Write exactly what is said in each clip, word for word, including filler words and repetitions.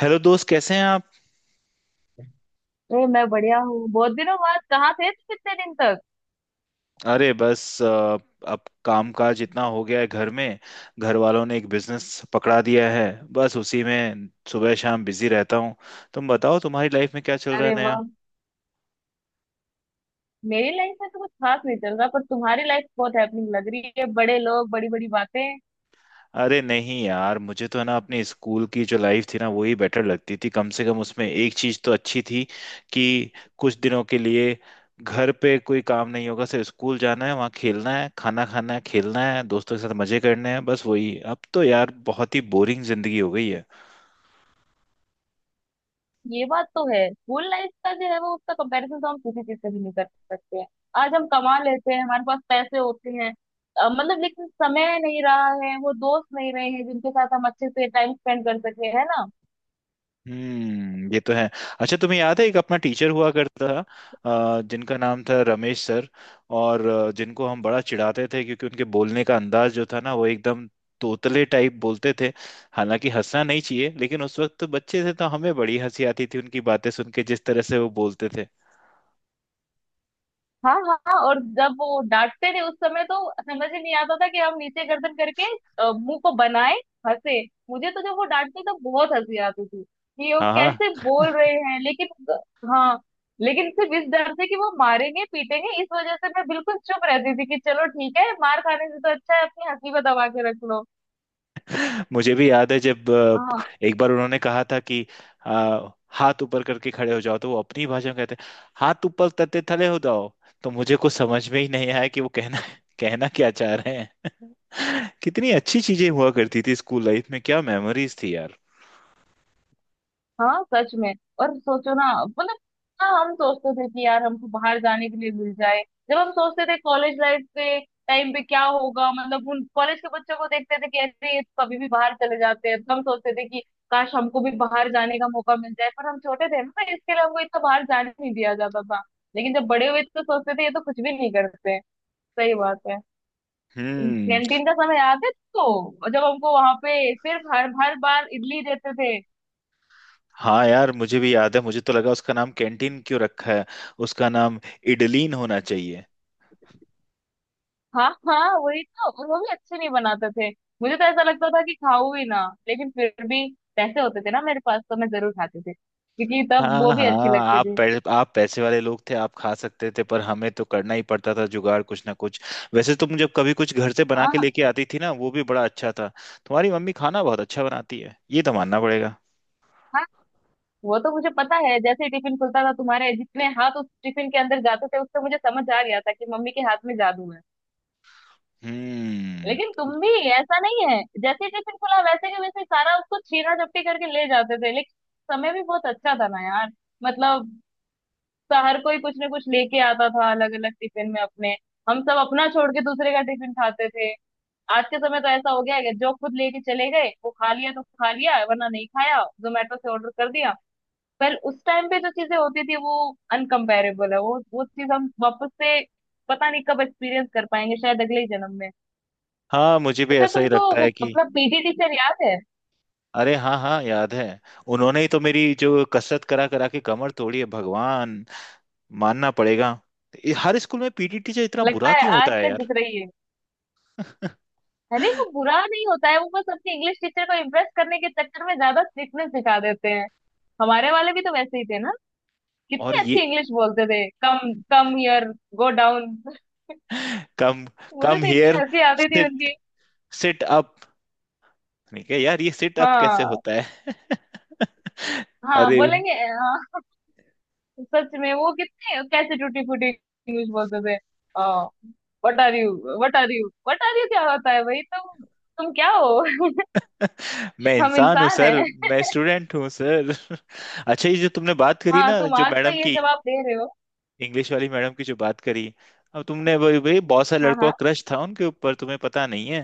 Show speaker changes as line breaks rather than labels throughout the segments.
Hello दोस्त, कैसे हैं आप।
अरे मैं बढ़िया हूँ। बहुत दिनों बाद, कहाँ थे तुम इतने दिन तक?
अरे बस अ, अब कामकाज इतना हो गया है घर में। घर वालों ने एक बिजनेस पकड़ा दिया है, बस उसी में सुबह शाम बिजी रहता हूँ। तुम बताओ, तुम्हारी लाइफ में क्या चल रहा है
अरे
नया।
वाह! मेरी लाइफ में तो कुछ खास नहीं चल रहा, पर तुम्हारी लाइफ बहुत हैपनिंग लग रही है। बड़े लोग बड़ी बड़ी बातें।
अरे नहीं यार, मुझे तो है ना अपनी स्कूल की जो लाइफ थी ना, वही बेटर लगती थी। कम से कम उसमें एक चीज़ तो अच्छी थी कि कुछ दिनों के लिए घर पे कोई काम नहीं होगा। सिर्फ स्कूल जाना है, वहाँ खेलना है, खाना खाना है, खेलना है दोस्तों के साथ, मजे करने हैं। बस वही, अब तो यार बहुत ही बोरिंग जिंदगी हो गई है।
ये बात तो है, स्कूल लाइफ का जो है वो उसका कंपैरिजन तो हम किसी चीज से भी नहीं कर सकते हैं। आज हम कमा लेते हैं, हमारे पास पैसे होते हैं। अ, मतलब लेकिन समय नहीं रहा है, वो दोस्त नहीं रहे हैं जिनके साथ हम अच्छे से टाइम स्पेंड कर सके, है ना।
हम्म, ये तो है। अच्छा तुम्हें याद है, एक अपना टीचर हुआ करता था अ, जिनका नाम था रमेश सर। और अ, जिनको हम बड़ा चिढ़ाते थे, क्योंकि उनके बोलने का अंदाज जो था ना, वो एकदम तोतले टाइप बोलते थे। हालांकि हंसना नहीं चाहिए, लेकिन उस वक्त तो बच्चे थे, तो हमें बड़ी हंसी आती थी उनकी बातें सुन के, जिस तरह से वो बोलते थे।
हाँ हाँ, और जब वो डांटते थे उस समय तो समझ ही नहीं आता था कि हम नीचे गर्दन करके अ, मुंह को बनाए हंसे। मुझे तो जब वो डांटते तो बहुत हंसी आती थी कि वो
हाँ
कैसे
हाँ,
बोल रहे हैं, लेकिन हाँ, लेकिन सिर्फ इस डर से कि वो मारेंगे पीटेंगे, इस वजह से मैं बिल्कुल चुप रहती थी कि चलो ठीक है, मार खाने से तो अच्छा है अपनी हंसी को दबा के रख लो।
मुझे भी याद है जब
हाँ
अ, एक बार उन्होंने कहा था कि अ, हाथ ऊपर करके खड़े हो जाओ, तो वो अपनी भाषा में कहते हैं हाथ ऊपर करते थले हो जाओ। तो मुझे कुछ समझ में ही नहीं आया कि वो कहना कहना क्या चाह रहे हैं। कितनी अच्छी चीजें हुआ करती थी स्कूल लाइफ में, क्या मेमोरीज थी यार।
हाँ, सच में। और सोचो ना, मतलब हाँ, हम सोचते थे कि यार हमको बाहर जाने के लिए मिल जाए। जब हम सोचते थे कॉलेज लाइफ पे, टाइम पे क्या होगा, मतलब उन कॉलेज के बच्चों को देखते थे कि ऐसे ये तो कभी भी बाहर चले जाते हैं, तो हम सोचते थे कि काश हमको भी बाहर जाने का मौका मिल जाए। पर हम छोटे थे ना, तो इसके लिए हमको इतना बाहर जाने नहीं दिया जाता था। लेकिन जब बड़े हुए तो सोचते थे ये तो कुछ भी नहीं करते हैं। सही बात है।
हम्म।
कैंटीन का समय याद है, तो जब हमको वहां पे सिर्फ हर हर बार इडली देते थे।
हाँ यार, मुझे भी याद है। मुझे तो लगा उसका नाम कैंटीन क्यों रखा है, उसका नाम इडलीन होना चाहिए।
हाँ हाँ, वही तो। और वो भी अच्छे नहीं बनाते थे, मुझे तो ऐसा लगता था कि खाऊं ही ना, लेकिन फिर भी पैसे होते थे ना मेरे पास तो मैं जरूर खाती थी, क्योंकि तब वो
हाँ
भी अच्छी
हाँ,
लगती
आप
थी।
पै, आप पैसे वाले लोग थे, आप खा सकते थे, पर हमें तो करना ही पड़ता था जुगाड़ कुछ ना कुछ। वैसे तुम जब कभी कुछ घर से बना के
हाँ
लेके आती थी ना, वो भी बड़ा अच्छा था। तुम्हारी मम्मी खाना बहुत अच्छा बनाती है, ये तो मानना पड़ेगा।
हाँ, वो तो मुझे पता है, जैसे ही टिफिन खुलता था तुम्हारे जितने हाथ उस टिफिन के अंदर जाते थे, उससे मुझे समझ आ गया था कि मम्मी के हाथ में जादू है।
हम्म।
लेकिन तुम भी, ऐसा नहीं है, जैसे ही टिफिन खुला वैसे के वैसे सारा उसको छीना झपटी करके ले जाते थे। लेकिन समय भी बहुत अच्छा था ना यार, मतलब सा- हर कोई कुछ ना कुछ लेके आता था अलग अलग टिफिन में अपने। हम सब अपना छोड़ के दूसरे का टिफिन खाते थे। आज के समय तो ऐसा हो गया है कि जो खुद लेके चले गए वो खा लिया तो खा लिया, वरना नहीं खाया, जोमेटो से ऑर्डर कर दिया। पर उस टाइम पे जो चीजें होती थी वो अनकम्पेरेबल है वो वो चीज हम वापस से पता नहीं कब एक्सपीरियंस कर पाएंगे, शायद अगले ही जन्म में।
हाँ मुझे भी
अच्छा,
ऐसा ही
तुमको
लगता
वो
है कि
अपना पी टी टीचर याद है?
अरे हाँ हाँ, याद है। उन्होंने ही तो मेरी जो कसरत करा करा के कमर तोड़ी है भगवान, मानना पड़ेगा। हर स्कूल में पी टी टीचर इतना
लगता
बुरा
है
क्यों
आज
होता है
तक
यार।
दिख रही है। अरे वो बुरा नहीं होता है, वो बस अपने इंग्लिश टीचर को इम्प्रेस करने के चक्कर में ज्यादा स्ट्रिक्टनेस दिखा देते हैं। हमारे वाले भी तो वैसे ही थे ना,
और
कितनी अच्छी
ये
इंग्लिश बोलते थे। Come, come here, go down.
कम,
मुझे
कम
तो इतनी
हियर,
हंसी आती थी उनकी।
Sit up. ठीक है यार, ये सिट अप कैसे
हाँ
होता है।
हाँ,
अरे
बोलेंगे। हाँ, सच में वो कितने, कैसे टूटी फूटी इंग्लिश बोलते थे। What are you, what are you, what are you क्या होता है भाई? तुम तुम क्या हो?
मैं
हम
इंसान हूँ
इंसान
सर।
हैं।
मैं स्टूडेंट हूँ सर। अच्छा ये जो तुमने बात करी
हाँ,
ना,
तुम
जो
आज तो
मैडम
ये
की,
जवाब दे रहे हो।
इंग्लिश वाली मैडम की जो बात करी, अब तुमने वही वही बहुत सारे
हाँ
लड़कों
हाँ।
का क्रश था उनके ऊपर, तुम्हें पता नहीं है।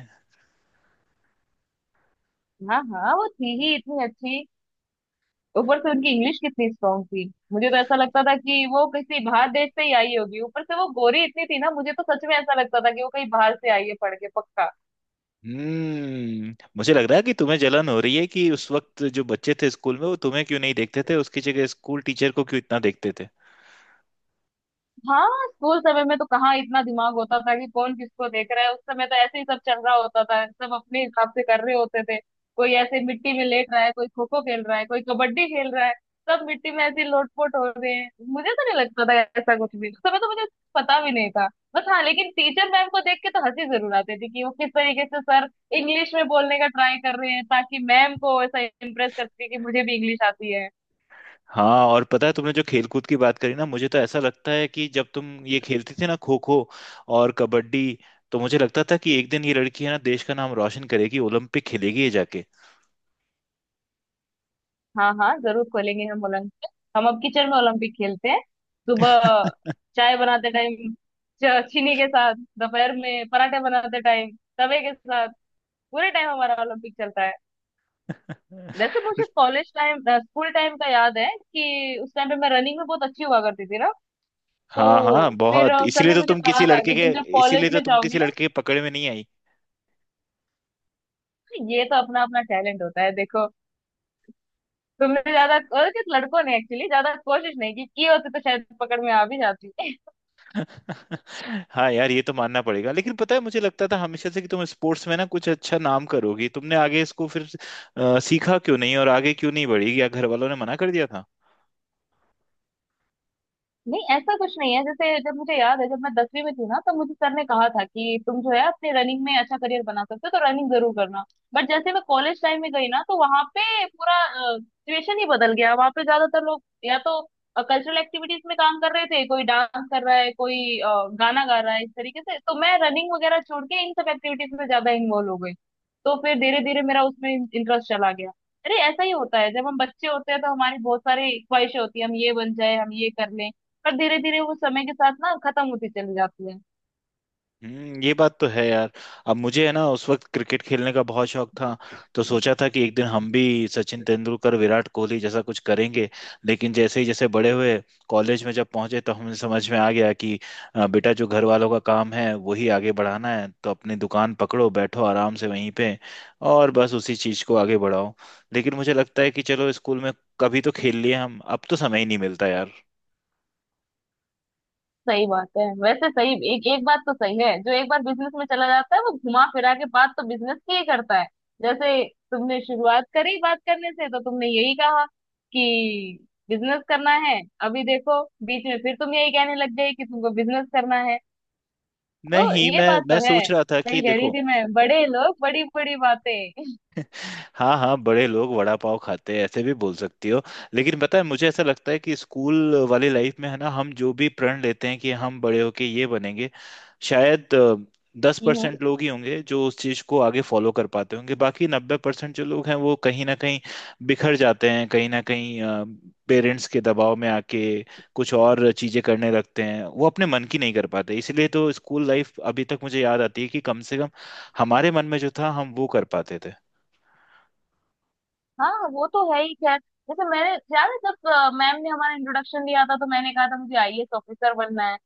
हाँ हाँ, वो थी ही इतनी अच्छी, ऊपर से उनकी इंग्लिश कितनी स्ट्रांग थी। मुझे तो ऐसा लगता था कि वो किसी बाहर देश से ही आई होगी, ऊपर से वो गोरी इतनी थी ना, मुझे तो सच में ऐसा लगता था कि वो कहीं बाहर से आई है पढ़ के, पक्का।
हम्म, मुझे लग रहा है कि तुम्हें जलन हो रही है कि उस वक्त जो बच्चे थे स्कूल में वो तुम्हें क्यों नहीं देखते थे, उसकी जगह स्कूल टीचर को क्यों इतना देखते थे।
हाँ, स्कूल समय में तो कहाँ इतना दिमाग होता था कि कौन किसको देख रहा है। उस समय तो ऐसे ही सब चल रहा होता था, सब अपने हिसाब से कर रहे होते थे। कोई ऐसे मिट्टी में लेट रहा है, कोई खो खो खेल रहा है, कोई कबड्डी खेल रहा है, सब मिट्टी में ऐसे लोटपोट हो रहे हैं। मुझे तो नहीं लगता था ऐसा कुछ भी, उस समय तो मुझे पता भी नहीं था। बस हाँ, लेकिन टीचर मैम को देख के तो हंसी जरूर आती थी कि वो किस तरीके से सर इंग्लिश में बोलने का ट्राई कर रहे हैं ताकि मैम को ऐसा इम्प्रेस कर सके कि मुझे भी इंग्लिश आती है।
हाँ और पता है तुमने जो खेलकूद की बात करी ना, मुझे तो ऐसा लगता है कि जब तुम ये खेलती थी ना खो खो और कबड्डी, तो मुझे लगता था कि एक दिन ये लड़की है ना देश का नाम रोशन करेगी, ओलंपिक खेलेगी ये जाके।
हाँ हाँ, जरूर खोलेंगे हम ओलंपिक। हम अब किचन में ओलंपिक खेलते हैं। सुबह चाय बनाते टाइम च- चीनी के साथ, दोपहर में पराठे बनाते टाइम तवे के साथ, पूरे टाइम हमारा ओलंपिक चलता है। वैसे मुझे कॉलेज टाइम, स्कूल टाइम का याद है कि उस टाइम पे मैं रनिंग में बहुत अच्छी हुआ करती थी ना, तो
हाँ हाँ
फिर
बहुत,
अ, सर
इसीलिए
ने
तो
मुझे
तुम
कहा
किसी
था
लड़के
कि
के
तुम जब
इसीलिए
कॉलेज
तो
में
तुम किसी
जाओगी ना।
लड़के के पकड़ में नहीं आई।
ये तो अपना अपना टैलेंट होता है देखो, तुमने ज्यादा, और किस लड़कों ने एक्चुअली ज्यादा कोशिश नहीं की, की होती तो शायद पकड़ में आ भी जाती।
हाँ यार ये तो मानना पड़ेगा, लेकिन पता है मुझे लगता था हमेशा से कि तुम स्पोर्ट्स में ना कुछ अच्छा नाम करोगी। तुमने आगे इसको फिर अ, सीखा क्यों नहीं और आगे क्यों नहीं बढ़ी, या घर वालों ने मना कर दिया था।
नहीं, ऐसा कुछ नहीं है। जैसे जब मुझे याद है, जब मैं दसवीं में थी ना, तब मुझे सर ने कहा था कि तुम जो है अपने रनिंग में अच्छा करियर बना सकते हो तो रनिंग जरूर करना। बट जैसे मैं कॉलेज टाइम में गई ना, तो वहां पे पूरा सिचुएशन ही बदल गया। वहां पे ज्यादातर लोग या तो कल्चरल एक्टिविटीज में काम कर रहे थे, कोई डांस कर रहा है, कोई अ, गाना गा रहा है, इस तरीके से। तो मैं रनिंग वगैरह छोड़ के इन सब एक्टिविटीज में ज्यादा इन्वॉल्व हो गई, तो फिर धीरे धीरे मेरा उसमें इंटरेस्ट चला गया। अरे ऐसा ही होता है, जब हम बच्चे होते हैं तो हमारी बहुत सारी ख्वाहिशें होती है, हम ये बन जाए, हम ये कर लें, पर धीरे धीरे वो समय के साथ ना खत्म होती चली जाती है।
हम्म ये बात तो है यार। अब मुझे है ना उस वक्त क्रिकेट खेलने का बहुत शौक था, तो सोचा था कि एक दिन हम भी सचिन तेंदुलकर, विराट कोहली जैसा कुछ करेंगे। लेकिन जैसे ही जैसे बड़े हुए, कॉलेज में जब पहुंचे तो हमें समझ में आ गया कि अ, बेटा जो घर वालों का काम है वही आगे बढ़ाना है, तो अपनी दुकान पकड़ो, बैठो आराम से वहीं पे, और बस उसी चीज को आगे बढ़ाओ। लेकिन मुझे लगता है कि चलो स्कूल में कभी तो खेल लिए हम, अब तो समय ही नहीं मिलता यार।
सही बात है। वैसे सही, एक एक बात तो सही है, जो एक बार बिजनेस में चला जाता है वो घुमा फिरा के बात तो बिजनेस की ही करता है। जैसे तुमने शुरुआत करी बात करने से, तो तुमने यही कहा कि बिजनेस करना है। अभी देखो बीच में फिर तुम यही कहने लग गए कि तुमको बिजनेस करना है। तो
नहीं,
ये
मैं
बात तो
मैं
है,
सोच रहा था कि
सही कह रही
देखो,
थी मैं, बड़े लोग बड़ी बड़ी बातें।
हाँ हाँ, बड़े लोग वड़ा पाव खाते हैं, ऐसे भी बोल सकती हो। लेकिन पता है मुझे ऐसा लगता है कि स्कूल वाली लाइफ में है ना, हम जो भी प्रण लेते हैं कि हम बड़े होके ये बनेंगे, शायद दस
हम्म।
परसेंट लोग ही होंगे जो उस चीज को आगे फॉलो कर पाते होंगे। बाकी नब्बे परसेंट जो लोग हैं वो कहीं ना कहीं बिखर जाते हैं, कहीं ना कहीं पेरेंट्स के दबाव में आके कुछ और चीजें करने लगते हैं, वो अपने मन की नहीं कर पाते। इसलिए तो स्कूल लाइफ अभी तक मुझे याद आती है कि कम से कम हमारे मन में जो था हम वो कर पाते थे।
हाँ हाँ, वो तो है ही। खैर, जैसे मैंने, याद है जब अ, मैम ने हमारा इंट्रोडक्शन दिया था, तो मैंने कहा था मुझे आई ए एस ऑफिसर बनना है।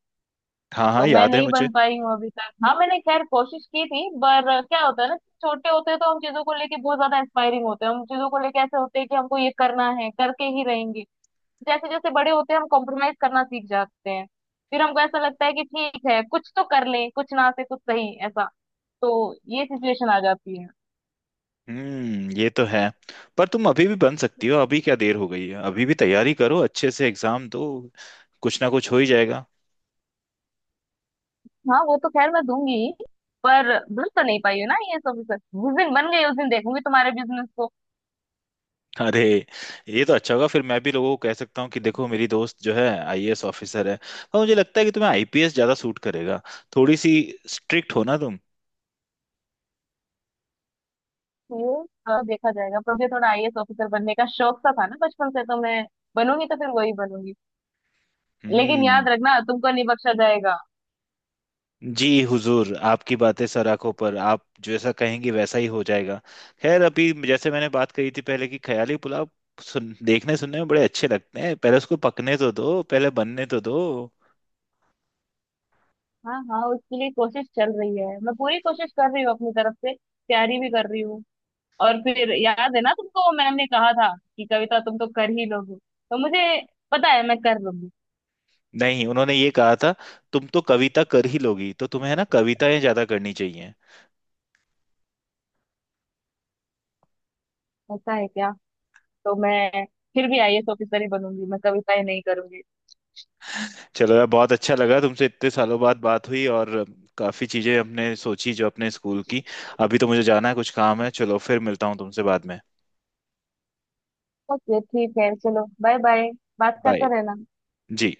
हाँ हाँ,
तो मैं
याद है
नहीं
मुझे।
बन पाई हूँ अभी तक। हाँ, मैंने खैर कोशिश की थी, पर अ, क्या होता है ना, छोटे होते हैं तो हम चीजों को लेके बहुत ज्यादा इंस्पायरिंग होते हैं। हम चीजों को लेके ऐसे होते हैं कि हमको ये करना है, करके ही रहेंगे। जैसे जैसे बड़े होते हैं, हम कॉम्प्रोमाइज करना सीख जाते हैं, फिर हमको ऐसा लगता है कि ठीक है, कुछ तो कर लें, कुछ ना से कुछ सही, ऐसा। तो ये सिचुएशन आ जाती है।
हम्म ये तो है। पर तुम अभी भी बन सकती हो, अभी क्या देर हो गई है। अभी भी तैयारी करो, अच्छे से एग्जाम दो, कुछ ना कुछ हो ही जाएगा।
हाँ वो तो खैर मैं दूंगी ही, पर भूल तो नहीं पाई हो ना, आई ए एस ऑफिसर जिस दिन बन गई उस दिन देखूंगी तुम्हारे बिजनेस को।
अरे ये तो अच्छा होगा, फिर मैं भी लोगों को कह सकता हूँ कि देखो मेरी दोस्त जो है आई ए एस ऑफिसर है। और मुझे लगता है कि तुम्हें आई पी एस ज्यादा सूट करेगा, थोड़ी सी स्ट्रिक्ट हो ना तुम।
ये अ, देखा जाएगा। पर मुझे थोड़ा आई ए एस ऑफिसर बनने का शौक सा था ना बचपन से, तो मैं बनूंगी तो फिर वही बनूंगी। लेकिन
हम्म।
याद रखना तुमको नहीं बख्शा जाएगा।
जी हुजूर, आपकी बातें सर आंखों पर, आप जैसा कहेंगे वैसा ही हो जाएगा। खैर अभी जैसे मैंने बात कही थी पहले कि ख्याली पुलाव सुन देखने सुनने में बड़े अच्छे लगते हैं, पहले उसको पकने तो दो, पहले बनने तो दो।
हाँ हाँ, उसके लिए कोशिश चल रही है, मैं पूरी कोशिश कर रही हूँ अपनी तरफ से, तैयारी भी कर रही हूँ। और फिर याद है ना तुमको, मैम ने कहा था कि कविता तुम तो कर ही लोगी, तो मुझे पता है मैं कर लूंगी।
नहीं उन्होंने ये कहा था, तुम तो कविता कर ही लोगी, तो तुम्हें है ना कविताएं ज्यादा करनी चाहिए।
ऐसा है क्या? तो मैं फिर भी आई ए एस ऑफिसर ही बनूंगी, मैं कविताएं नहीं करूंगी।
चलो यार, बहुत अच्छा लगा तुमसे इतने सालों बाद बात हुई, और काफी चीजें हमने सोची जो अपने स्कूल की। अभी तो मुझे जाना है कुछ काम है, चलो फिर मिलता हूँ तुमसे बाद में।
ओके ठीक है, चलो बाय बाय। बात
बाय।
करते रहना।
जी।